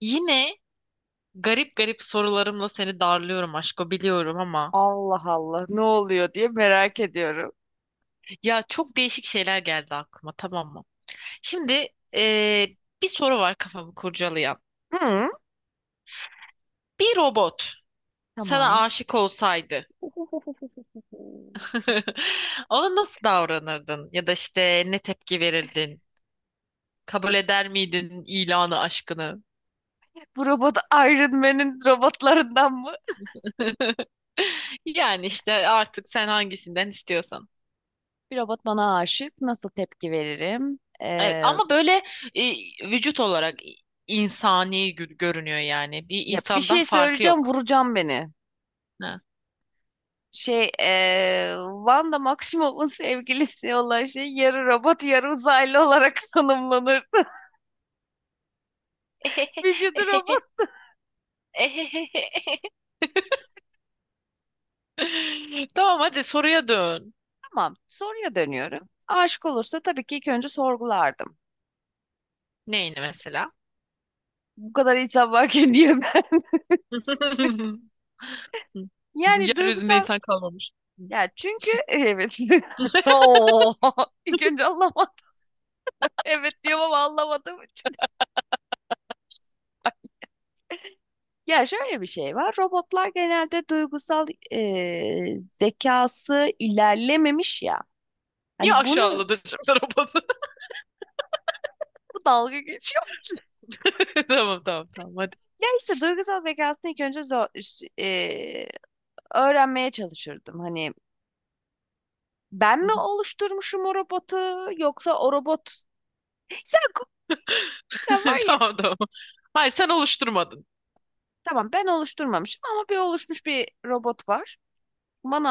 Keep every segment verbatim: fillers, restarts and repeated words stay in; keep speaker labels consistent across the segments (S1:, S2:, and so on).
S1: Yine garip garip sorularımla seni darlıyorum aşko biliyorum ama
S2: Allah Allah, ne oluyor diye merak ediyorum.
S1: ya çok değişik şeyler geldi aklıma tamam mı? Şimdi eee, bir soru var kafamı kurcalayan.
S2: Hı,
S1: Bir robot sana
S2: tamam.
S1: aşık olsaydı ona nasıl davranırdın? Ya da işte ne tepki verirdin? Kabul eder miydin ilanı aşkını?
S2: Bu robot Iron Man'in robotlarından mı?
S1: Yani işte artık sen hangisinden istiyorsan.
S2: Bir robot bana aşık. Nasıl tepki veririm?
S1: Evet,
S2: Ee,
S1: ama böyle e, vücut olarak insani gö- görünüyor yani. Bir
S2: ya bir
S1: insandan
S2: şey
S1: farkı
S2: söyleyeceğim,
S1: yok.
S2: vuracağım beni.
S1: Ha.
S2: Şey, ee, Wanda Maximoff'un sevgilisi olan şey yarı robot, yarı uzaylı olarak tanımlanır. Vücudu robot.
S1: Tamam, hadi soruya dön.
S2: Tamam. Soruya dönüyorum. Aşık olursa tabii ki ilk önce sorgulardım.
S1: Neyini mesela?
S2: Bu kadar insan varken niye? Yani
S1: Yeryüzünde
S2: duygusal,
S1: insan kalmamış.
S2: ya çünkü evet. Oo, ilk önce anlamadım. Evet diyorum ama anlamadığım için. Ya şöyle bir şey var. Robotlar genelde duygusal, e, zekası ilerlememiş ya.
S1: Niye
S2: Hani bunu,
S1: aşağıladı şimdi robotu?
S2: bu dalga geçiyor.
S1: Tamam tamam tamam, hadi.
S2: Ya işte duygusal zekasını ilk önce zor, e, öğrenmeye çalışırdım. Hani ben mi oluşturmuşum o robotu yoksa o robot sen sen var ya.
S1: Tamam tamam. Hayır, sen oluşturmadın.
S2: Tamam, ben oluşturmamışım ama bir oluşmuş bir robot var.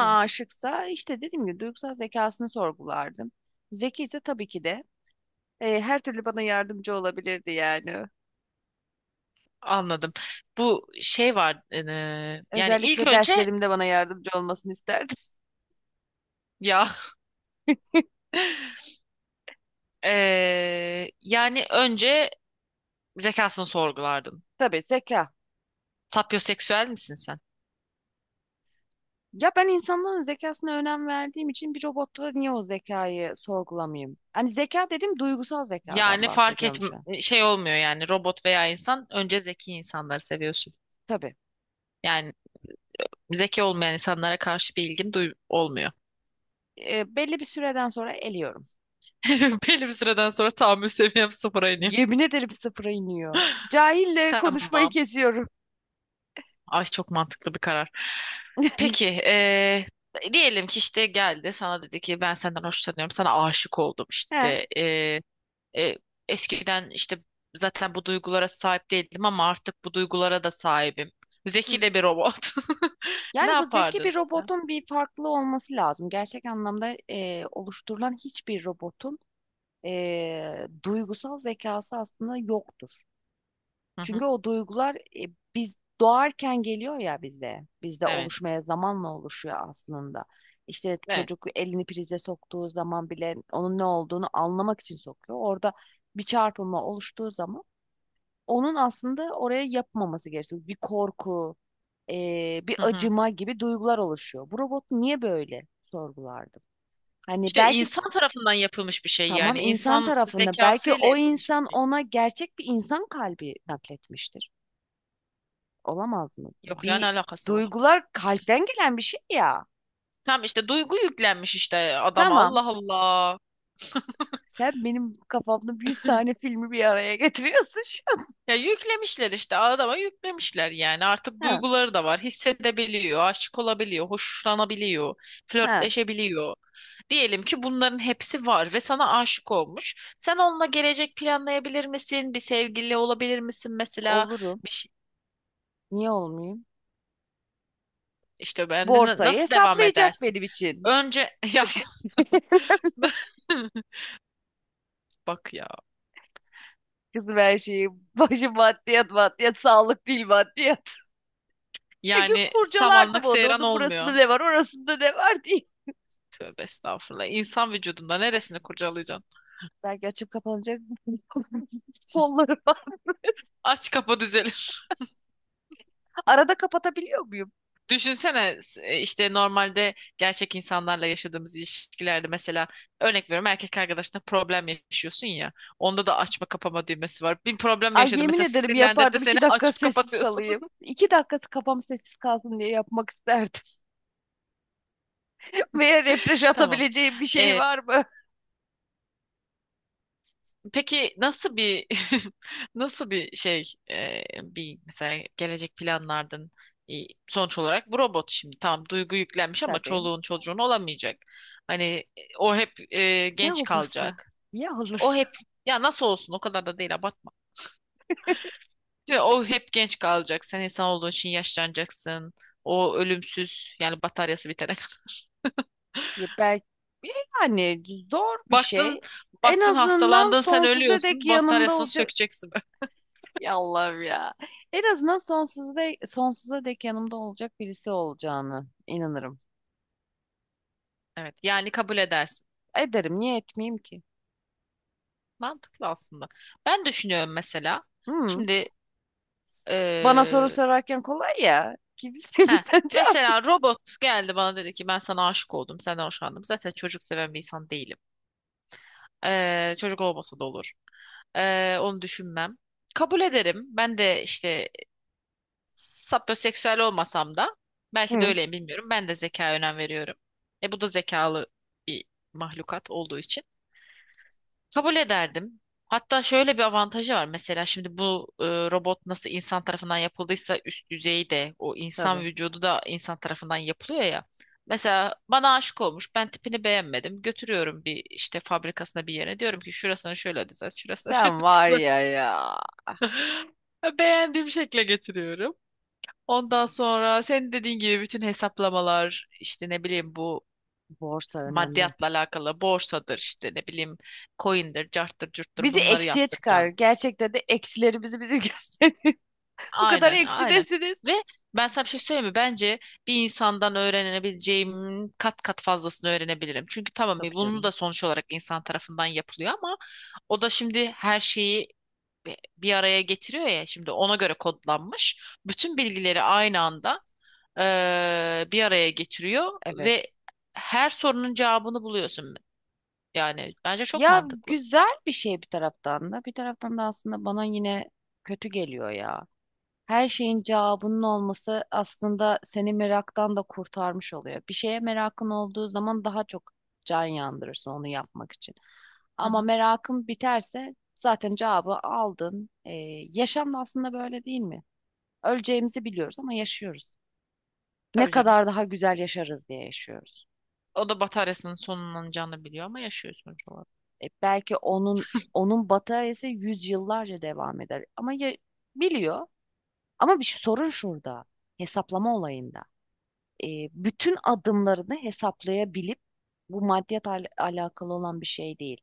S1: Hı,
S2: aşıksa işte dediğim gibi duygusal zekasını sorgulardım. Zeki ise tabii ki de e, her türlü bana yardımcı olabilirdi yani.
S1: anladım. Bu şey var. E, yani ilk
S2: Özellikle
S1: önce
S2: derslerimde bana yardımcı olmasını isterdim.
S1: ya Ee, yani önce zekasını sorgulardın.
S2: Tabii, zeka.
S1: Sapyoseksüel misin sen?
S2: Ya ben insanların zekasına önem verdiğim için bir robotta da niye o zekayı sorgulamayayım? Hani zeka dedim, duygusal zekadan
S1: Yani fark et
S2: bahsediyorum şu an.
S1: şey olmuyor yani robot veya insan önce zeki insanları seviyorsun.
S2: Tabii.
S1: Yani zeki olmayan insanlara karşı bir ilgin duy olmuyor.
S2: E, belli bir süreden sonra eliyorum.
S1: Belli bir süreden sonra tahammül seviyem sıfıra iniyor.
S2: Yemin ederim sıfıra iniyor. Cahille konuşmayı
S1: Tamam.
S2: kesiyorum.
S1: Ay çok mantıklı bir karar. Peki ee, diyelim ki işte geldi sana dedi ki ben senden hoşlanıyorum sana aşık oldum
S2: He.
S1: işte. E, Eskiden işte zaten bu duygulara sahip değildim ama artık bu duygulara da sahibim. Zeki de bir robot. Ne
S2: Yani bu zeki bir
S1: yapardın sen?
S2: robotun bir farklı olması lazım. Gerçek anlamda e, oluşturulan hiçbir robotun e, duygusal zekası aslında yoktur.
S1: Hı
S2: Çünkü
S1: hı.
S2: o duygular, e, biz doğarken geliyor ya bize. Bizde
S1: Evet.
S2: oluşmaya, zamanla oluşuyor aslında. İşte
S1: Evet.
S2: çocuk elini prize soktuğu zaman bile onun ne olduğunu anlamak için sokuyor. Orada bir çarpılma oluştuğu zaman onun aslında oraya yapmaması gerekiyor. Bir korku, eee, bir
S1: Hı hı.
S2: acıma gibi duygular oluşuyor. Bu robot niye böyle, sorgulardım. Hani
S1: İşte
S2: belki,
S1: insan tarafından yapılmış bir şey
S2: tamam,
S1: yani.
S2: insan
S1: İnsan
S2: tarafında belki
S1: zekasıyla
S2: o
S1: yapılmış
S2: insan
S1: bir şey.
S2: ona gerçek bir insan kalbi nakletmiştir. Olamaz mı?
S1: Yok ya, ne
S2: Bir,
S1: alakası var?
S2: duygular kalpten gelen bir şey ya.
S1: Tam işte duygu yüklenmiş işte adama.
S2: Tamam.
S1: Allah Allah.
S2: Sen benim kafamda yüz tane filmi bir araya getiriyorsun şu an.
S1: Ya yüklemişler işte adama, yüklemişler yani artık
S2: Ha.
S1: duyguları da var, hissedebiliyor, aşık olabiliyor, hoşlanabiliyor,
S2: Ha,
S1: flörtleşebiliyor, diyelim ki bunların hepsi var ve sana aşık olmuş, sen onunla gelecek planlayabilir misin, bir sevgili olabilir misin mesela,
S2: olurum.
S1: bir şey,
S2: Niye olmayayım?
S1: işte ben de na-
S2: Borsayı
S1: nasıl devam
S2: hesaplayacak
S1: edersin
S2: benim için.
S1: önce ya bak ya
S2: Kızım, her şeyi başı maddiyat, maddiyat sağlık değil, maddiyat. Her gün
S1: yani
S2: kurcalardım
S1: samanlık
S2: onu.
S1: seyran
S2: Onun burasında
S1: olmuyor,
S2: ne var, orasında ne var diye.
S1: tövbe estağfurullah. İnsan vücudunda neresini kurcalayacaksın,
S2: Belki açıp kapanacak kollarım var.
S1: aç kapa düzelir.
S2: Arada kapatabiliyor muyum?
S1: Düşünsene e, işte normalde gerçek insanlarla yaşadığımız ilişkilerde mesela örnek veriyorum erkek arkadaşına problem yaşıyorsun ya. Onda da açma kapama düğmesi var. Bir problem
S2: Ay,
S1: yaşadı
S2: yemin
S1: mesela,
S2: ederim
S1: sinirlendirdi
S2: yapardım.
S1: seni,
S2: iki dakika
S1: açıp
S2: sessiz
S1: kapatıyorsun.
S2: kalayım. İki dakikası kafam sessiz kalsın diye yapmak isterdim. Veya refresh
S1: Tamam.
S2: atabileceğim bir şey
S1: Ee,
S2: var mı?
S1: peki nasıl bir nasıl bir şey e, bir mesela gelecek planlardın. E, Sonuç olarak bu robot şimdi tamam, duygu yüklenmiş ama
S2: Tabii.
S1: çoluğun çocuğun olamayacak. Hani e, o hep e,
S2: Ya
S1: genç
S2: olursa?
S1: kalacak.
S2: Ya
S1: O
S2: olursa?
S1: hep, ya nasıl olsun, o kadar da değil, abartma. Şimdi o hep genç kalacak. Sen insan olduğun için yaşlanacaksın. O ölümsüz yani bataryası bitene kadar.
S2: Ya belki, yani zor bir şey.
S1: Baktın
S2: En
S1: baktın
S2: azından
S1: hastalandın, sen
S2: sonsuza dek
S1: ölüyorsun.
S2: yanımda
S1: Bataryasını
S2: olacak.
S1: sökeceksin.
S2: Ya Allah'ım ya. En azından sonsuza dek, sonsuza dek yanımda olacak birisi olacağını inanırım.
S1: Evet, yani kabul edersin.
S2: Ederim. Niye etmeyeyim ki?
S1: Mantıklı aslında. Ben düşünüyorum mesela.
S2: Hı.
S1: Şimdi
S2: Bana soru
S1: eee
S2: sorarken kolay ya. Kimsin
S1: heh,
S2: sen, cevap.
S1: mesela robot geldi bana dedi ki ben sana aşık oldum. Senden hoşlandım. Zaten çocuk seven bir insan değilim. Ee, çocuk olmasa da olur. Ee, onu düşünmem. Kabul ederim. Ben de işte sapyoseksüel olmasam da belki de
S2: Hı.
S1: öyleyim, bilmiyorum. Ben de zekaya önem veriyorum. E bu da zekalı bir mahlukat olduğu için. Kabul ederdim. Hatta şöyle bir avantajı var. Mesela şimdi bu e, robot nasıl insan tarafından yapıldıysa üst düzeyi de, o insan
S2: Tabii.
S1: vücudu da insan tarafından yapılıyor ya. Mesela bana aşık olmuş. Ben tipini beğenmedim. Götürüyorum bir işte fabrikasına bir yere. Diyorum ki şurasını şöyle düzelt, şurasını şöyle
S2: Sen var
S1: düzelt.
S2: ya, ya.
S1: Beğendiğim şekle getiriyorum. Ondan sonra senin dediğin gibi bütün hesaplamalar işte ne bileyim bu
S2: Borsa önemli.
S1: maddiyatla alakalı, borsadır işte ne bileyim coin'dir, carttır, curttur,
S2: Bizi
S1: bunları
S2: eksiye çıkar.
S1: yaptıracağım.
S2: Gerçekten de eksileri bizi bizi gösterir. Bu kadar
S1: Aynen, aynen.
S2: eksidesiniz.
S1: Ve ben sana bir şey söyleyeyim mi? Bence bir insandan öğrenebileceğim kat kat fazlasını öğrenebilirim. Çünkü tamam, e,
S2: Tabii
S1: bunu
S2: canım.
S1: da sonuç olarak insan tarafından yapılıyor ama o da şimdi her şeyi bi- bir araya getiriyor ya, şimdi ona göre kodlanmış. Bütün bilgileri aynı anda eee, bir araya getiriyor
S2: Evet.
S1: ve her sorunun cevabını buluyorsun. Yani bence çok
S2: Ya
S1: mantıklı.
S2: güzel bir şey bir taraftan da. Bir taraftan da aslında bana yine kötü geliyor ya. Her şeyin cevabının olması aslında seni meraktan da kurtarmış oluyor. Bir şeye merakın olduğu zaman daha çok can yandırırsın onu yapmak için.
S1: Hı
S2: Ama
S1: hı.
S2: merakın biterse zaten cevabı aldın. Ee, yaşam da aslında böyle değil mi? Öleceğimizi biliyoruz ama yaşıyoruz. Ne
S1: Tabii canım.
S2: kadar daha güzel yaşarız diye yaşıyoruz.
S1: O da bataryasının sonlanacağını biliyor ama yaşıyor sonuç olarak.
S2: E, belki onun onun bataryası yüzyıllarca devam eder. Ama ya, biliyor. Ama bir sorun şurada. Hesaplama olayında. e, bütün adımlarını hesaplayabilip, bu maddiyat al- alakalı olan bir şey değil.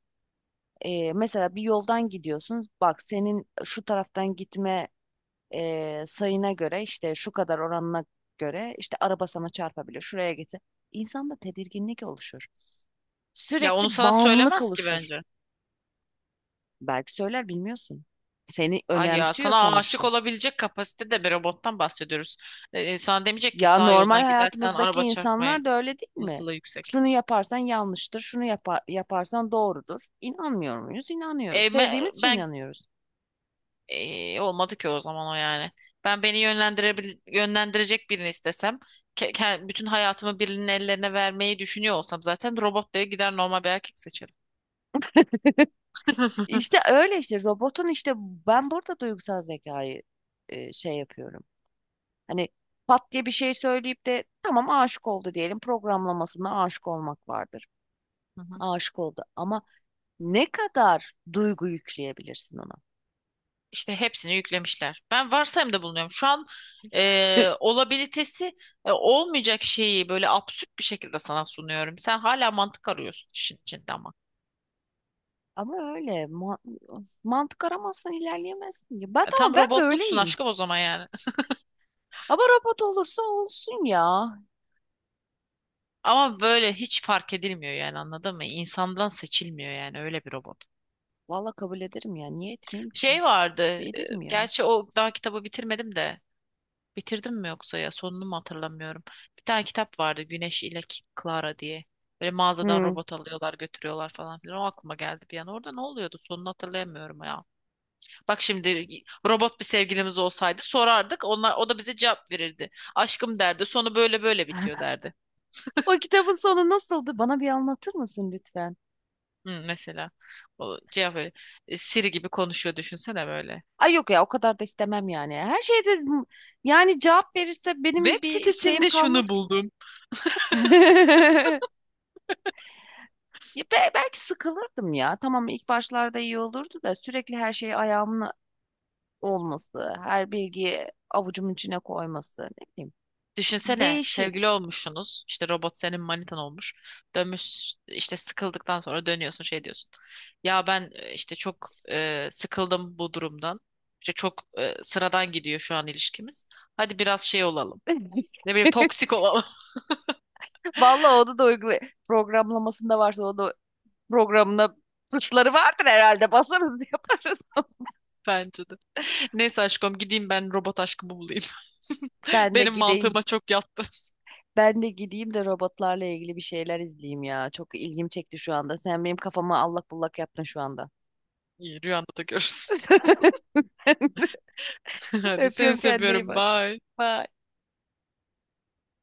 S2: E, mesela bir yoldan gidiyorsun. Bak, senin şu taraftan gitme e, sayına göre, işte şu kadar oranına göre işte araba sana çarpabilir. Şuraya gitse. İnsanda tedirginlik oluşur.
S1: Ya onu
S2: Sürekli
S1: sana
S2: bağımlılık
S1: söylemez ki
S2: oluşur.
S1: bence.
S2: Belki söyler, bilmiyorsun. Seni
S1: Hayır ya,
S2: önemsiyor
S1: sana aşık
S2: sonuçta.
S1: olabilecek kapasitede bir robottan bahsediyoruz. Ee, sana demeyecek ki
S2: Ya
S1: sağ
S2: normal
S1: yoldan gidersen
S2: hayatımızdaki
S1: araba çarpma
S2: insanlar da öyle değil mi?
S1: olasılığı yüksek.
S2: Şunu yaparsan yanlıştır, şunu yapa- yaparsan doğrudur. İnanmıyor muyuz? İnanıyoruz.
S1: E, me-
S2: Sevdiğimiz için
S1: ben
S2: inanıyoruz.
S1: e, olmadı ki o zaman o yani. Ben beni yönlendirebil yönlendirecek birini istesem, ke- ke- bütün hayatımı birinin ellerine vermeyi düşünüyor olsam zaten robot diye gider normal bir erkek seçerim.
S2: İşte öyle, işte robotun, işte ben burada duygusal zekayı e, şey yapıyorum. Hani pat diye bir şey söyleyip de tamam, aşık oldu diyelim. Programlamasında aşık olmak vardır.
S1: Hı hı.
S2: Aşık oldu ama ne kadar duygu yükleyebilirsin ona?
S1: İşte hepsini yüklemişler. Ben varsayımda bulunuyorum. Şu an e, olabilitesi e, olmayacak şeyi böyle absürt bir şekilde sana sunuyorum. Sen hala mantık arıyorsun işin içinde ama.
S2: Ama öyle, ma- mantık aramazsan ilerleyemezsin. Ya ben,
S1: E, tam
S2: tamam, ben
S1: robotluksun
S2: böyleyim.
S1: aşkım o zaman yani.
S2: Ama robot olursa olsun ya.
S1: Ama böyle hiç fark edilmiyor yani, anladın mı? İnsandan seçilmiyor yani öyle bir robot.
S2: Valla kabul ederim ya. Niye etmeyeyim ki?
S1: Şey vardı. e,
S2: Ederim ya.
S1: Gerçi o daha kitabı bitirmedim de. Bitirdim mi yoksa ya, sonunu mu hatırlamıyorum. Bir tane kitap vardı Güneş ile K- Clara diye. Böyle mağazadan
S2: Hmm.
S1: robot alıyorlar, götürüyorlar falan filan. O aklıma geldi bir an. Orada ne oluyordu? Sonunu hatırlayamıyorum ya. Bak şimdi robot bir sevgilimiz olsaydı sorardık. Onlar, o da bize cevap verirdi. Aşkım derdi. Sonu böyle böyle bitiyor derdi.
S2: O kitabın sonu nasıldı? Bana bir anlatır mısın lütfen?
S1: Hı, mesela o cevap böyle. e, Siri gibi konuşuyor düşünsene böyle.
S2: Ay yok ya, o kadar da istemem yani. Her şeyde yani cevap verirse
S1: Web
S2: benim bir şeyim
S1: sitesinde
S2: kalmaz.
S1: şunu buldum.
S2: Ya be- belki sıkılırdım ya. Tamam, ilk başlarda iyi olurdu da sürekli her şey ayağımın olması, her bilgiyi avucumun içine koyması. Ne bileyim.
S1: Düşünsene
S2: Değişik.
S1: sevgili olmuşsunuz. İşte robot senin manitan olmuş. Dönmüş işte, sıkıldıktan sonra dönüyorsun şey diyorsun. Ya ben e, işte çok e, sıkıldım bu durumdan. İşte çok e, sıradan gidiyor şu an ilişkimiz. Hadi biraz şey olalım. Ne bileyim toksik olalım.
S2: Vallahi onu da uygula, programlamasında varsa onu da programına, tuşları vardır herhalde. Basarız yaparız.
S1: Bence de. Neyse aşkım, gideyim ben robot aşkımı bulayım.
S2: Ben de
S1: Benim
S2: gideyim.
S1: mantığıma çok yattı.
S2: Ben de gideyim de robotlarla ilgili bir şeyler izleyeyim ya. Çok ilgim çekti şu anda. Sen benim kafama allak bullak yaptın şu anda.
S1: İyi, rüyanda da görürsün. Hadi, seni
S2: Öpüyorum, kendine iyi
S1: seviyorum.
S2: bak.
S1: Bye.
S2: Bye.